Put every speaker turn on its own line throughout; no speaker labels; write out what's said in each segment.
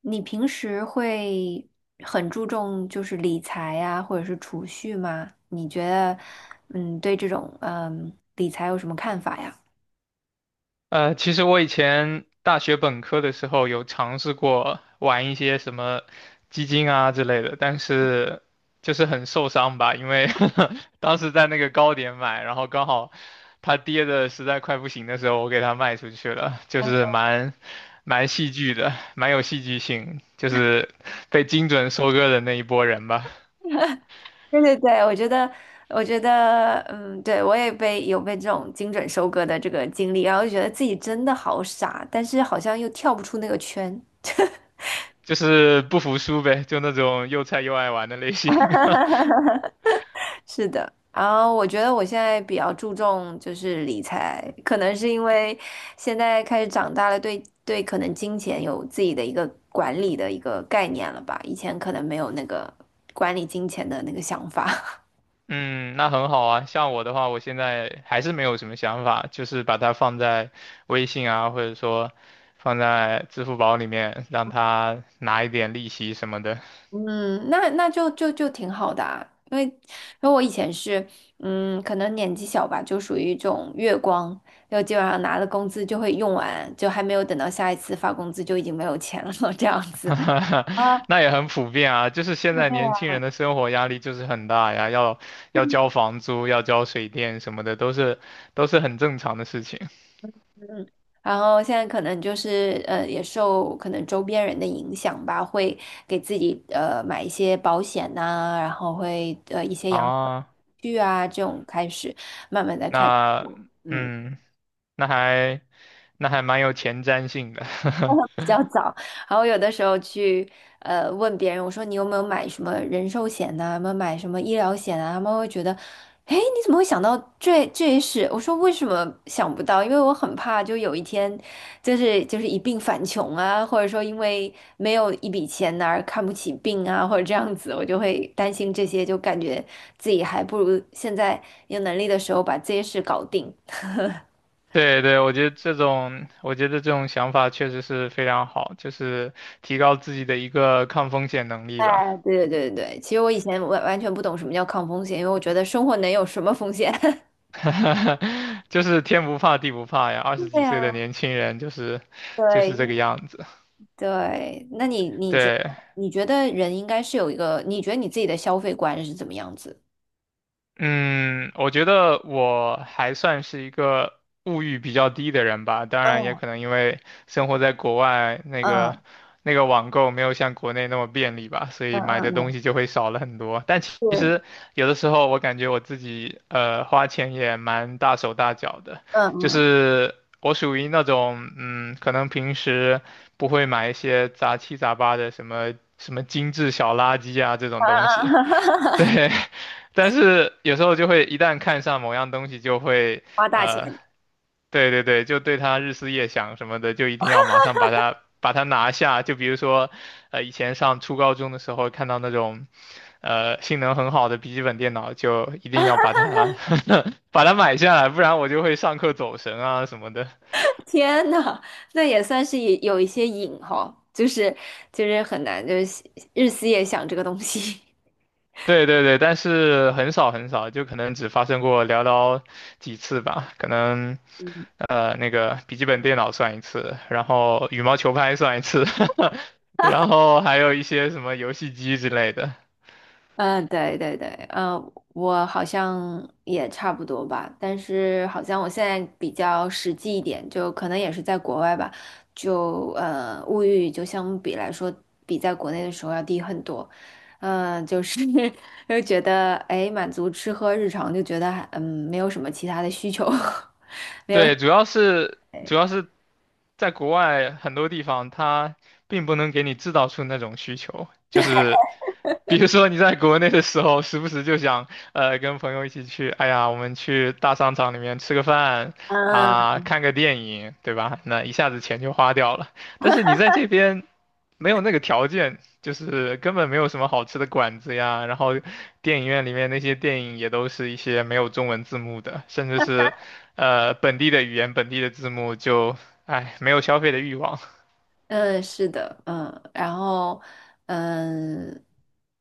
你平时会很注重就是理财呀，或者是储蓄吗？你觉得，对这种理财有什么看法呀？
其实我以前大学本科的时候有尝试过玩一些什么基金啊之类的，但是就是很受伤吧，因为 当时在那个高点买，然后刚好它跌的实在快不行的时候，我给它卖出去了，就是蛮戏剧的，蛮有戏剧性，就是被精准收割的那一波人吧，
对对对，我觉得，我觉得，嗯，对，我也被这种精准收割的这个经历，然后就觉得自己真的好傻，但是好像又跳不出那个圈。
就是不服输呗，就那种又菜又爱玩的类型。
是的，然后我觉得我现在比较注重就是理财，可能是因为现在开始长大了，对对，可能金钱有自己的一个管理的一个概念了吧，以前可能没有那个管理金钱的那个想法。
嗯，那很好啊。像我的话，我现在还是没有什么想法，就是把它放在微信啊，或者说放在支付宝里面，让它拿一点利息什么的。
嗯，那就挺好的啊，因为我以前是，可能年纪小吧，就属于这种月光，就基本上拿了工资就会用完，就还没有等到下一次发工资就已经没有钱了，这样子。啊，
那也很普遍啊，就是现在年
对。
轻人的生活压力就是很大呀，要交房租，要交水电什么的，都是很正常的事情
嗯，然后现在可能就是也受可能周边人的影响吧，会给自己买一些保险呐、然后会一些养老。
啊。
具啊这种开始慢慢的开始。
那
嗯
嗯，那还那还蛮有前瞻性的。
比较早，然后有的时候去问别人，我说你有没有买什么人寿险呐、有没有买什么医疗险啊？他们会觉得，哎，你怎么会想到这些事？我说为什么想不到？因为我很怕，就有一天，就是一病返穷啊，或者说因为没有一笔钱而看不起病啊，或者这样子，我就会担心这些，就感觉自己还不如现在有能力的时候把这些事搞定。
对对，我觉得这种想法确实是非常好，就是提高自己的一个抗风险能力吧。
对对对对对，其实我以前完全不懂什么叫抗风险，因为我觉得生活能有什么风险？
就是天不怕地不怕呀，二十
对
几岁的
呀，
年轻人就是就
对，
是
因
这个
为
样子。
对，那
对，
你觉得人应该是有一个，你觉得你自己的消费观是怎么样子？
嗯，我觉得我还算是一个物欲比较低的人吧，当然也
嗯
可能因为生活在国外，那个
嗯
那个网购没有像国内那么便利吧，所
嗯
以买的
嗯
东
嗯，
西就会少了很多。但其
是，
实有的时候我感觉我自己花钱也蛮大手大脚的，就
嗯嗯
是我属于那种嗯，可能平时不会买一些杂七杂八的什么什么精致小垃圾啊这
啊
种东
啊
西。对，
啊！
但是有时候就会一旦看上某样东西，就会
花大钱，
呃，对对对，就对它日思夜想什么的，就一定要马上把它拿下。就比如说，以前上初高中的时候看到那种性能很好的笔记本电脑，就一定要把它 把它买下来，不然我就会上课走神啊什么的。
天呐，那也算是也有一些瘾哈，就是就是很难，就是日思夜想这个东西。
对对对，但是很少很少，就可能只发生过寥寥几次吧，可能。
嗯。
那个笔记本电脑算一次，然后羽毛球拍算一次，然后还有一些什么游戏机之类的。
对对对，嗯，我好像也差不多吧，但是好像我现在比较实际一点，就可能也是在国外吧，就物欲就相比来说，比在国内的时候要低很多，就是 又觉得哎，满足吃喝日常，就觉得还没有什么其他的需求，没有，
对，主要是在国外很多地方，它并不能给你制造出那种需求，就是比如说你在国内的时候，时不时就想，跟朋友一起去，哎呀，我们去大商场里面吃个饭
嗯、
啊，看个电影，对吧？那一下子钱就花掉了。但是你在这边没有那个条件，就是根本没有什么好吃的馆子呀，然后电影院里面那些电影也都是一些没有中文字幕的，甚至是。呃本地的语言、本地的字幕就，哎，没有消费的欲望。
嗯，是的，嗯，然后，嗯，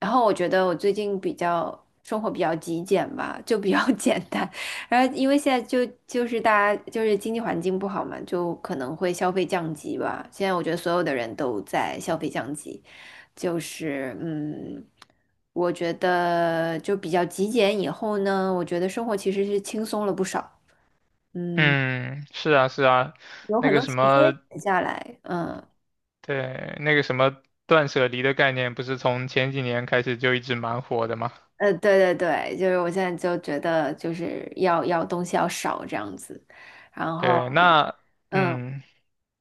然后我觉得我最近比较生活比较极简吧，就比较 简单。然后因为现在就是大家就是经济环境不好嘛，就可能会消费降级吧。现在我觉得所有的人都在消费降级，就是嗯，我觉得就比较极简以后呢，我觉得生活其实是轻松了不少，嗯，
嗯，是啊，是啊，
有
那
很
个
多
什
时间
么，
闲下来，嗯。
对，那个什么断舍离的概念，不是从前几年开始就一直蛮火的嘛？
呃，对对对，就是我现在就觉得就是要东西要少这样子，然
对，
后，
那，
嗯
嗯，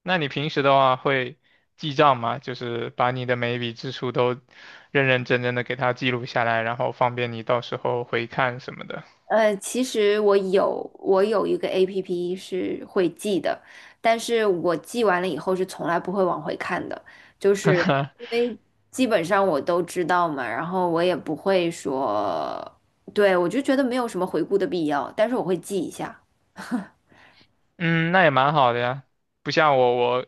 那你平时的话会记账吗？就是把你的每一笔支出都认认真真的给它记录下来，然后方便你到时候回看什么的。
其实我有一个 APP 是会记的，但是我记完了以后是从来不会往回看的，就是因 为基本上我都知道嘛，然后我也不会说，对，我就觉得没有什么回顾的必要，但是我会记一下。
嗯，那也蛮好的呀。不像我，我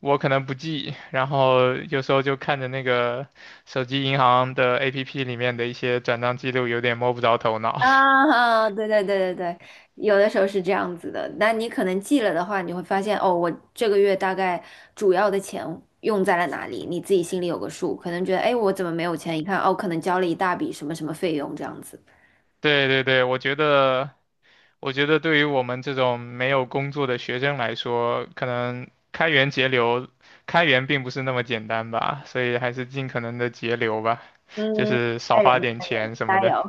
我可能不记，然后有时候就看着那个手机银行的 APP 里面的一些转账记录，有点摸不着头脑。
啊，啊对对对对对，有的时候是这样子的。那你可能记了的话，你会发现哦，我这个月大概主要的钱用在了哪里，你自己心里有个数。可能觉得，哎，我怎么没有钱？一看，哦，可能交了一大笔什么什么费用这样子。
对对对，我觉得对于我们这种没有工作的学生来说，可能开源节流，开源并不是那么简单吧，所以还是尽可能的节流吧，就
嗯，
是少
开
花
源
点钱什么
加
的。
油，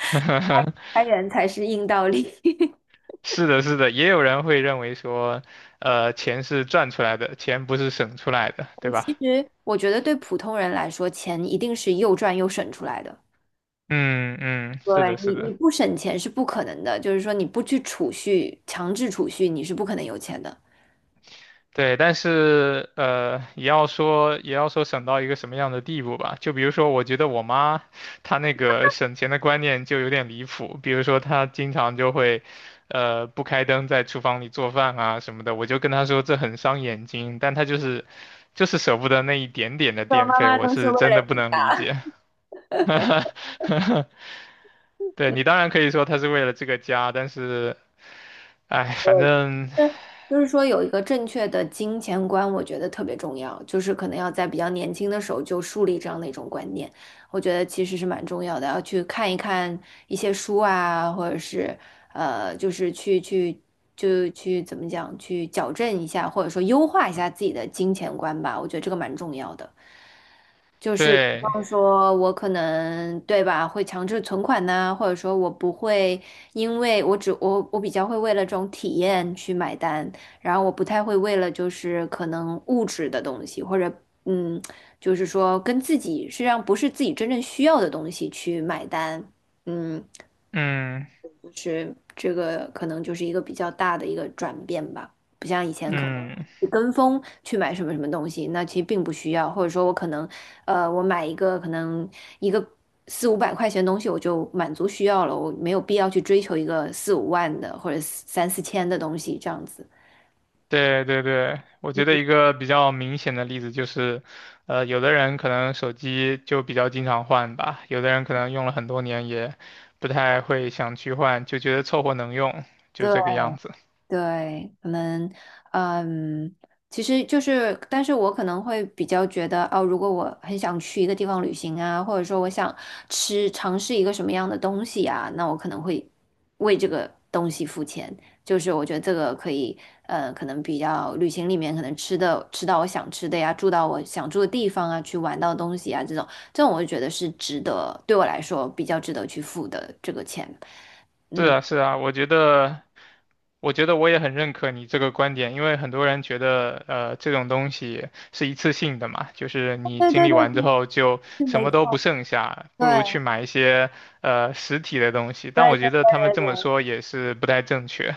开源才是硬道理。
是的，是的，也有人会认为说，钱是赚出来的，钱不是省出来的，对
嗯
吧？
其实我觉得对普通人来说，钱一定是又赚又省出来的。
嗯嗯，是的，是
你
的，
不省钱是不可能的，就是说你不去储蓄，强制储蓄，你是不可能有钱的。
对，但是也要说省到一个什么样的地步吧。就比如说，我觉得我妈她那个省钱的观念就有点离谱，比如说她经常就会，不开灯在厨房里做饭啊什么的，我就跟她说这很伤眼睛，但她就是舍不得那一点点的
我
电
妈
费，
妈
我
都是为
是真的
了
不
你，
能理解。对，你当然可以说她是为了这个家，但是。哎，
对，
反正
就是就是说有一个正确的金钱观，我觉得特别重要，就是可能要在比较年轻的时候就树立这样的一种观念，我觉得其实是蛮重要的，要去看一看一些书啊，或者是就是去就去怎么讲，去矫正一下，或者说优化一下自己的金钱观吧，我觉得这个蛮重要的。
对，
方说，我可能对吧，会强制存款呐、或者说我不会，因为我只我我比较会为了这种体验去买单，然后我不太会为了就是可能物质的东西，或者嗯，就是说跟自己实际上不是自己真正需要的东西去买单，嗯，
嗯
这个可能就是一个比较大的一个转变吧，不像以前可能
嗯，
你跟风去买什么什么东西，那其实并不需要，或者说我可能，我买一个四五百块钱的东西我就满足需要了，我没有必要去追求一个四五万的或者三四千的东西这样子。
对对对，我觉得一个比较明显的例子就是，有的人可能手机就比较经常换吧，有的人可能用了很多年也不太会想去换，就觉得凑合能用，就
对，
这个样子。
对，可能，嗯，其实就是，但是我可能会比较觉得，哦，如果我很想去一个地方旅行啊，或者说我想尝试一个什么样的东西啊，那我可能会为这个东西付钱。就是我觉得这个可以，可能比较旅行里面可能吃到我想吃的呀，住到我想住的地方啊，去玩到的东西啊，这种我就觉得是值得，对我来说比较值得去付的这个钱。
是
嗯，
啊，是啊，我觉得我也很认可你这个观点，因为很多人觉得，这种东西是一次性的嘛，就是你
对
经
对
历
对
完之
对
后就
是
什
没
么都不
错。
剩下，不如去
对。
买一些实体的东西。
对
但
对
我觉得他们
对
这
对
么
对，
说也是不太正确。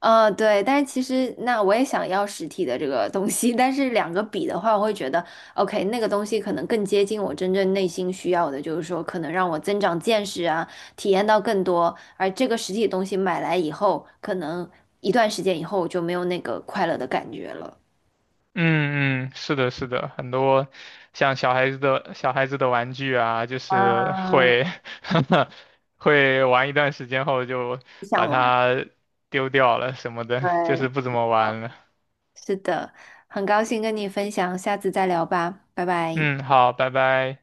呃，对，但是其实那我也想要实体的这个东西，但是两个比的话，我会觉得，OK,那个东西可能更接近我真正内心需要的，就是说可能让我增长见识啊，体验到更多，而这个实体东西买来以后，可能一段时间以后我就没有那个快乐的感觉了。
嗯嗯，是的，是的，很多像小孩子的玩具啊，就是
嗯，
会 会玩一段时间后就
不想
把
玩，
它丢掉了什么的，就
对，
是不怎么
好，
玩了。
是的，很高兴跟你分享，下次再聊吧，拜拜。
嗯，好，拜拜。